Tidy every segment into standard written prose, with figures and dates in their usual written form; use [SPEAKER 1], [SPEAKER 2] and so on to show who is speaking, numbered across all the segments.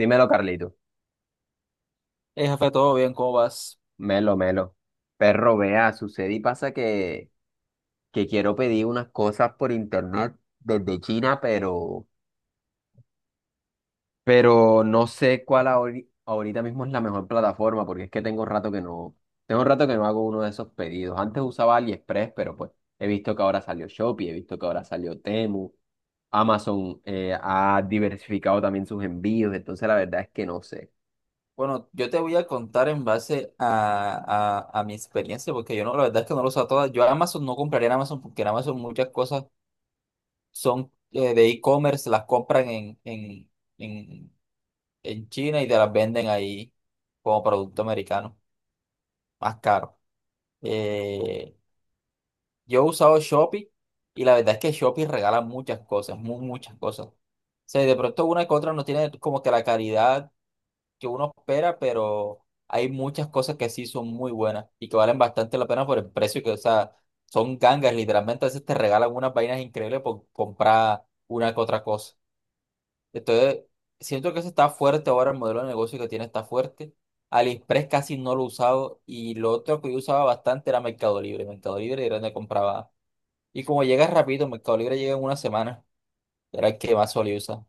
[SPEAKER 1] Dímelo, Carlito.
[SPEAKER 2] Jefe, todo bien, ¿cómo vas?
[SPEAKER 1] Melo, melo. Perro, vea, sucede y pasa que quiero pedir unas cosas por internet desde China, pero no sé cuál ahorita mismo es la mejor plataforma, porque es que tengo rato que no hago uno de esos pedidos. Antes usaba AliExpress, pero pues he visto que ahora salió Shopee, he visto que ahora salió Temu. Amazon ha diversificado también sus envíos, entonces la verdad es que no sé.
[SPEAKER 2] Bueno, yo te voy a contar en base a, a mi experiencia, porque yo no, la verdad es que no lo sé todas. Yo a Amazon no compraría en Amazon, porque en Amazon muchas cosas son de e-commerce, las compran en, en China y te las venden ahí como producto americano, más caro. Eh, yo he usado Shopee y la verdad es que Shopee regala muchas cosas, muchas cosas. O sea, de pronto una que otra no tiene como que la calidad que uno espera, pero hay muchas cosas que sí son muy buenas y que valen bastante la pena por el precio, que, o sea, son gangas, literalmente a veces te regalan unas vainas increíbles por comprar una que otra cosa. Entonces, siento que eso está fuerte ahora, el modelo de negocio que tiene está fuerte. AliExpress casi no lo he usado y lo otro que yo usaba bastante era Mercado Libre. Mercado Libre era donde compraba. Y como llegas rápido, Mercado Libre llega en una semana, era el que más solía usar.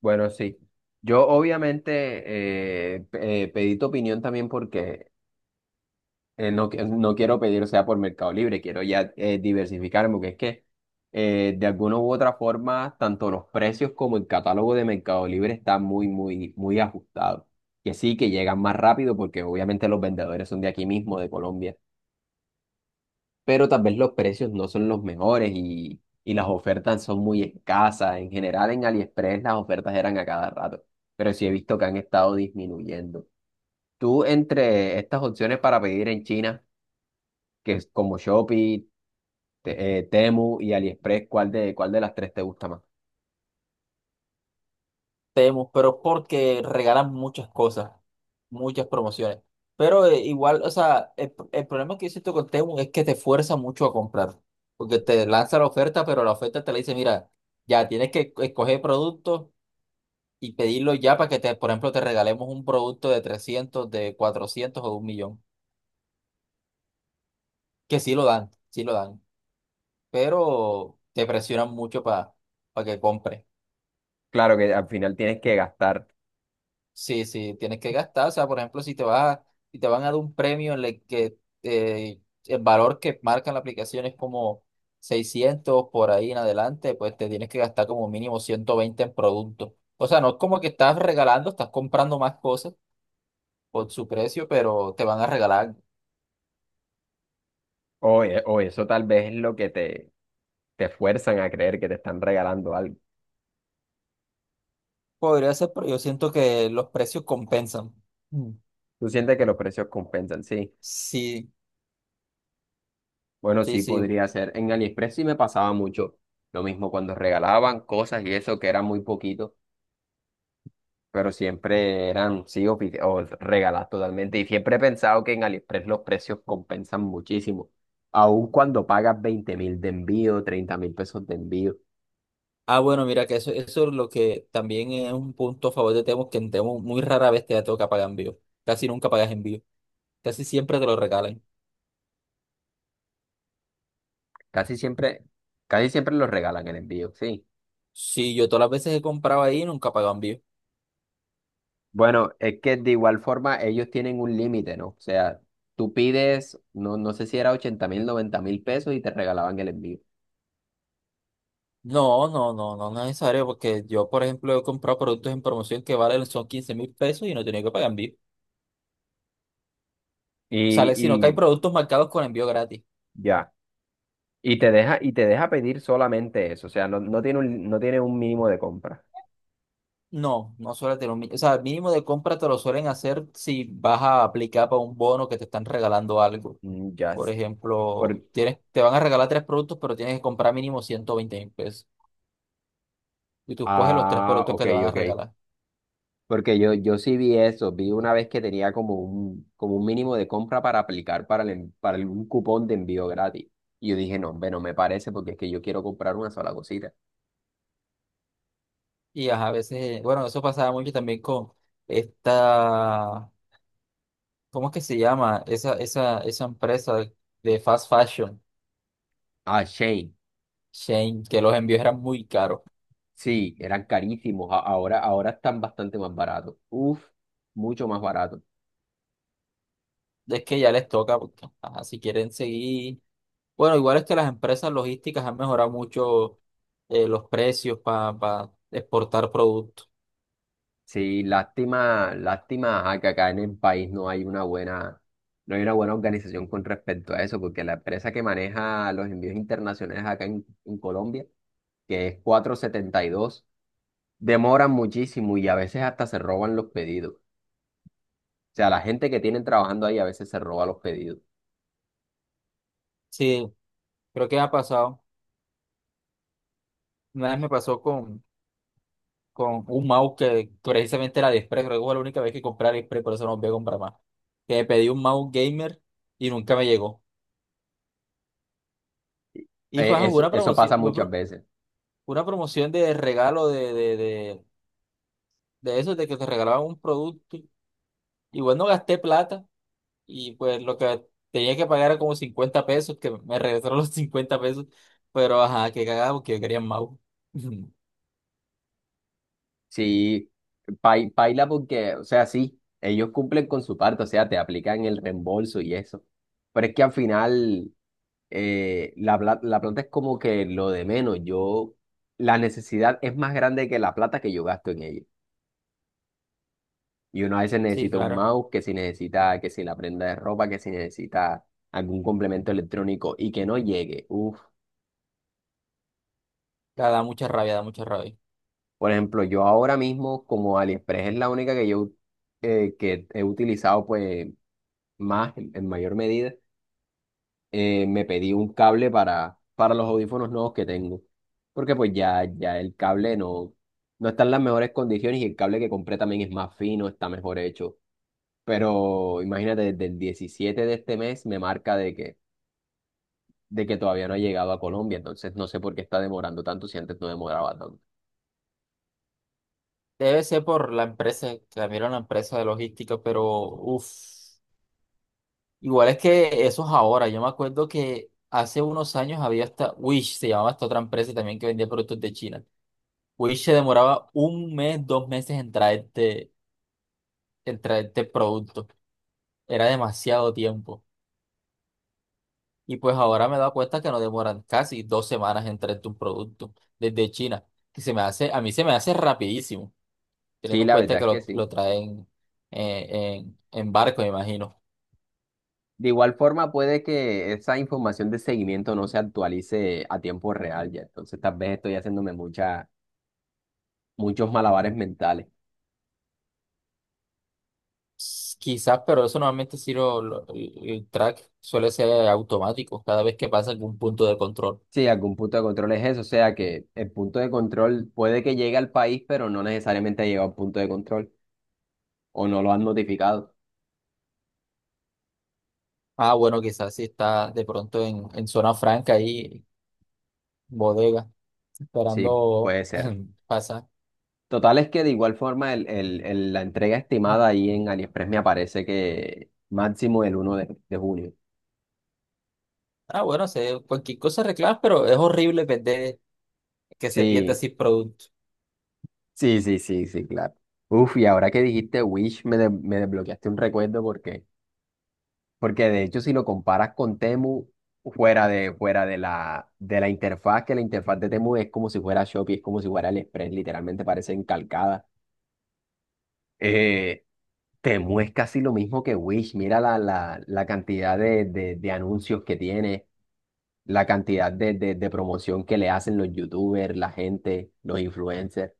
[SPEAKER 1] Bueno, sí. Yo obviamente pedí tu opinión también porque no, no quiero pedir, o sea, por Mercado Libre, quiero ya diversificarme, porque es que de alguna u otra forma, tanto los precios como el catálogo de Mercado Libre están muy, muy, muy ajustado. Que sí, que llegan más rápido porque obviamente los vendedores son de aquí mismo, de Colombia, pero tal vez los precios no son los mejores y las ofertas son muy escasas. En general, en AliExpress las ofertas eran a cada rato, pero sí he visto que han estado disminuyendo. Tú, entre estas opciones para pedir en China, que es como Shopee, Temu y AliExpress, cuál de las tres te gusta más?
[SPEAKER 2] Temu, pero porque regalan muchas cosas, muchas promociones. Pero igual, o sea, el problema que yo siento con Temu es que te fuerza mucho a comprar, porque te lanza la oferta, pero la oferta te la dice, mira, ya tienes que escoger productos y pedirlo ya para que, te, por ejemplo, te regalemos un producto de 300, de 400 o de un millón, que sí lo dan, pero te presionan mucho para que compres.
[SPEAKER 1] Claro que al final tienes que gastar,
[SPEAKER 2] Sí, sí, tienes que gastar. O sea, por ejemplo, si te van a dar un premio en el que eh, el valor que marca la aplicación es como 600 por ahí en adelante, pues te tienes que gastar como mínimo 120 en productos. O sea, no es como que estás regalando, estás comprando más cosas por su precio, pero te van a regalar.
[SPEAKER 1] o, o eso tal vez es lo que te fuerzan a creer que te están regalando algo.
[SPEAKER 2] Podría ser, pero yo siento que los precios compensan. Mm.
[SPEAKER 1] Tú sientes que los precios compensan, sí.
[SPEAKER 2] Sí,
[SPEAKER 1] Bueno,
[SPEAKER 2] sí,
[SPEAKER 1] sí,
[SPEAKER 2] sí.
[SPEAKER 1] podría ser. En AliExpress sí me pasaba mucho lo mismo cuando regalaban cosas y eso que era muy poquito, pero siempre eran, sí, o regaladas totalmente. Y siempre he pensado que en AliExpress los precios compensan muchísimo. Aun cuando pagas 20.000 de envío, 30.000 pesos de envío,
[SPEAKER 2] Ah, bueno, mira que eso es lo que también es un punto a favor de Temo, que en Temo muy rara vez te da toca pagar envío. Casi nunca pagas envío. Casi siempre te lo regalan.
[SPEAKER 1] casi siempre, casi siempre los regalan el envío, sí.
[SPEAKER 2] Sí, yo todas las veces he comprado ahí nunca pago envío.
[SPEAKER 1] Bueno, es que de igual forma ellos tienen un límite, ¿no? O sea, tú pides, no sé si era 80.000, 90.000 pesos y te regalaban el envío.
[SPEAKER 2] No, no, no, no, no es necesario, porque yo, por ejemplo, he comprado productos en promoción que valen son 15 mil pesos y no he tenido que pagar envío. Sale, sino que hay
[SPEAKER 1] Y,
[SPEAKER 2] productos marcados con envío gratis.
[SPEAKER 1] Ya. Y te deja pedir solamente eso. O sea, no tiene no tiene un mínimo de compra.
[SPEAKER 2] No, no suele tener un mínimo. O sea, el mínimo de compra te lo suelen hacer si vas a aplicar para un bono que te están regalando algo.
[SPEAKER 1] Mm, ya.
[SPEAKER 2] Por ejemplo,
[SPEAKER 1] Por...
[SPEAKER 2] tienes, te van a regalar tres productos, pero tienes que comprar mínimo 120 mil pesos. Y tú escoges los tres
[SPEAKER 1] Ah,
[SPEAKER 2] productos
[SPEAKER 1] ok,
[SPEAKER 2] que te van a
[SPEAKER 1] ok.
[SPEAKER 2] regalar.
[SPEAKER 1] Porque yo sí vi eso, vi una vez que tenía como un mínimo de compra para aplicar para algún cupón de envío gratis. Y yo dije, no, hombre, no me parece porque es que yo quiero comprar una sola cosita.
[SPEAKER 2] Y ajá, a veces, bueno, eso pasaba mucho también con esta, ¿cómo es que se llama? Esa empresa de fast fashion,
[SPEAKER 1] Ah, Shane,
[SPEAKER 2] Shane, que los envíos eran muy caros.
[SPEAKER 1] sí, eran carísimos, ahora, ahora están bastante más baratos. Uf, mucho más baratos.
[SPEAKER 2] Es que ya les toca, porque, ajá, si quieren seguir. Bueno, igual es que las empresas logísticas han mejorado mucho los precios para exportar productos.
[SPEAKER 1] Sí, lástima, lástima, a que acá en el país no hay una buena organización con respecto a eso, porque la empresa que maneja los envíos internacionales acá en Colombia, que es 472, demoran muchísimo y a veces hasta se roban los pedidos. O sea, la gente que tienen trabajando ahí a veces se roba los pedidos.
[SPEAKER 2] Sí, creo que ha pasado. Una vez me pasó con un mouse que precisamente era de Express. Creo que fue la única vez que compré Aliexpress, por eso no voy a comprar más. Que me pedí un mouse gamer y nunca me llegó. Y fue una
[SPEAKER 1] Eso
[SPEAKER 2] promoción,
[SPEAKER 1] pasa muchas veces.
[SPEAKER 2] una promoción de regalo de esos, de que te regalaban un producto. Igual no gasté plata. Y pues lo que tenía que pagar era como 50 pesos, que me regresaron los 50 pesos, pero ajá, que cagado, porque yo quería Mau.
[SPEAKER 1] Sí, paila porque, o sea, sí, ellos cumplen con su parte, o sea, te aplican el reembolso y eso. Pero es que al final la plata es como que lo de menos. La necesidad es más grande que la plata que yo gasto en ella. Y uno a veces
[SPEAKER 2] Sí,
[SPEAKER 1] necesita un
[SPEAKER 2] claro,
[SPEAKER 1] mouse, que si necesita, que si la prenda de ropa, que si necesita algún complemento electrónico y que no llegue. Uf.
[SPEAKER 2] da mucha rabia, da mucha rabia.
[SPEAKER 1] Por ejemplo, yo ahora mismo, como AliExpress es la única que he utilizado pues más en mayor medida, me pedí un cable para los audífonos nuevos que tengo. Porque pues ya el cable no está en las mejores condiciones y el cable que compré también es más fino, está mejor hecho. Pero imagínate, desde el 17 de este mes me marca de que todavía no ha llegado a Colombia, entonces no sé por qué está demorando tanto si antes no demoraba tanto.
[SPEAKER 2] Debe ser por la empresa, cambiaron la empresa de logística, pero uff, igual es que eso es ahora. Yo me acuerdo que hace unos años había hasta Wish, se llamaba esta otra empresa también que vendía productos de China. Wish se demoraba un mes, dos meses en traerte productos. Era demasiado tiempo. Y pues ahora me he dado cuenta que no demoran casi dos semanas en traerte un producto desde China, que se me hace, a mí se me hace rapidísimo,
[SPEAKER 1] Sí,
[SPEAKER 2] teniendo en
[SPEAKER 1] la
[SPEAKER 2] cuenta
[SPEAKER 1] verdad es
[SPEAKER 2] que
[SPEAKER 1] que sí.
[SPEAKER 2] lo traen en barco, me imagino.
[SPEAKER 1] De igual forma, puede que esa información de seguimiento no se actualice a tiempo real ya, entonces tal vez estoy haciéndome muchos malabares mentales.
[SPEAKER 2] Quizás, pero eso normalmente sí el el track suele ser automático cada vez que pasa algún punto de control.
[SPEAKER 1] Sí, algún punto de control es eso, o sea que el punto de control puede que llegue al país, pero no necesariamente ha llegado al punto de control o no lo han notificado.
[SPEAKER 2] Ah, bueno, quizás si está de pronto en zona franca ahí, bodega,
[SPEAKER 1] Sí,
[SPEAKER 2] esperando
[SPEAKER 1] puede ser.
[SPEAKER 2] pasar.
[SPEAKER 1] Total es que de igual forma la entrega estimada ahí en AliExpress me aparece que máximo el 1 de junio.
[SPEAKER 2] Ah, bueno, sé, cualquier cosa reclamas, pero es horrible perder que se pierde
[SPEAKER 1] Sí,
[SPEAKER 2] así producto.
[SPEAKER 1] sí, sí, sí, sí, claro. Uf, y ahora que dijiste Wish, me desbloqueaste un recuerdo. Porque de hecho, si lo comparas con Temu, fuera de la interfaz, que la interfaz de Temu es como si fuera Shopee, es como si fuera AliExpress, literalmente parecen calcadas. Eh, Temu es casi lo mismo que Wish. Mira la cantidad de anuncios que tiene, la cantidad de promoción que le hacen los YouTubers, la gente, los influencers.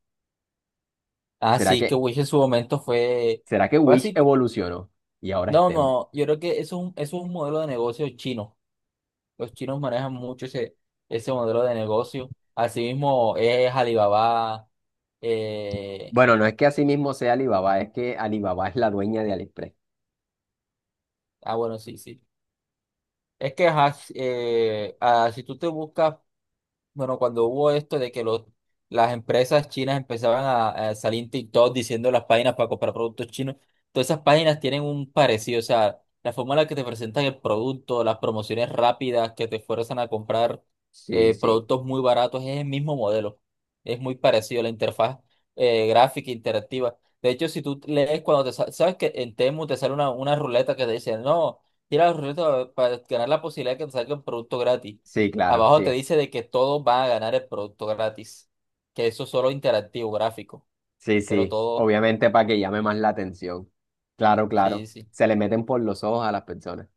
[SPEAKER 1] ¿Será
[SPEAKER 2] Así que
[SPEAKER 1] que,
[SPEAKER 2] Wish en su momento fue,
[SPEAKER 1] será que
[SPEAKER 2] fue
[SPEAKER 1] Wish
[SPEAKER 2] así.
[SPEAKER 1] evolucionó y ahora es
[SPEAKER 2] No,
[SPEAKER 1] Temu?
[SPEAKER 2] no, yo creo que eso es un modelo de negocio chino. Los chinos manejan mucho ese, ese modelo de negocio. Asimismo es Alibaba. eh,
[SPEAKER 1] Bueno, no es que así mismo sea Alibaba, es que Alibaba es la dueña de AliExpress.
[SPEAKER 2] bueno, sí, sí. Es que ajá, si tú te buscas. Bueno, cuando hubo esto de que los, las empresas chinas empezaban a salir en TikTok diciendo las páginas para comprar productos chinos, todas esas páginas tienen un parecido, o sea, la forma en la que te presentan el producto, las promociones rápidas que te fuerzan a comprar
[SPEAKER 1] Sí, sí.
[SPEAKER 2] productos muy baratos, es el mismo modelo, es muy parecido la interfaz gráfica interactiva. De hecho, si tú lees cuando te sabes que en Temu te sale una ruleta que te dice, no, tira la ruleta para ganar la posibilidad de que te salga un producto gratis.
[SPEAKER 1] Sí, claro,
[SPEAKER 2] Abajo te
[SPEAKER 1] sí.
[SPEAKER 2] dice de que todos van a ganar el producto gratis, que eso es solo interactivo, gráfico,
[SPEAKER 1] Sí,
[SPEAKER 2] pero
[SPEAKER 1] sí.
[SPEAKER 2] todo,
[SPEAKER 1] Obviamente para que llame más la atención. Claro,
[SPEAKER 2] sí,
[SPEAKER 1] claro.
[SPEAKER 2] sí.
[SPEAKER 1] Se le meten por los ojos a las personas.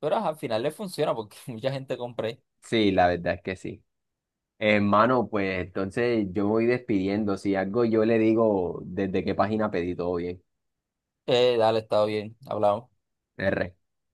[SPEAKER 2] Pero ajá, al final le funciona porque mucha gente compré.
[SPEAKER 1] Sí, la verdad es que sí. Hermano, pues entonces yo me voy despidiendo. Si algo yo le digo desde qué página pedí todo bien.
[SPEAKER 2] Dale, está bien, hablamos.
[SPEAKER 1] R.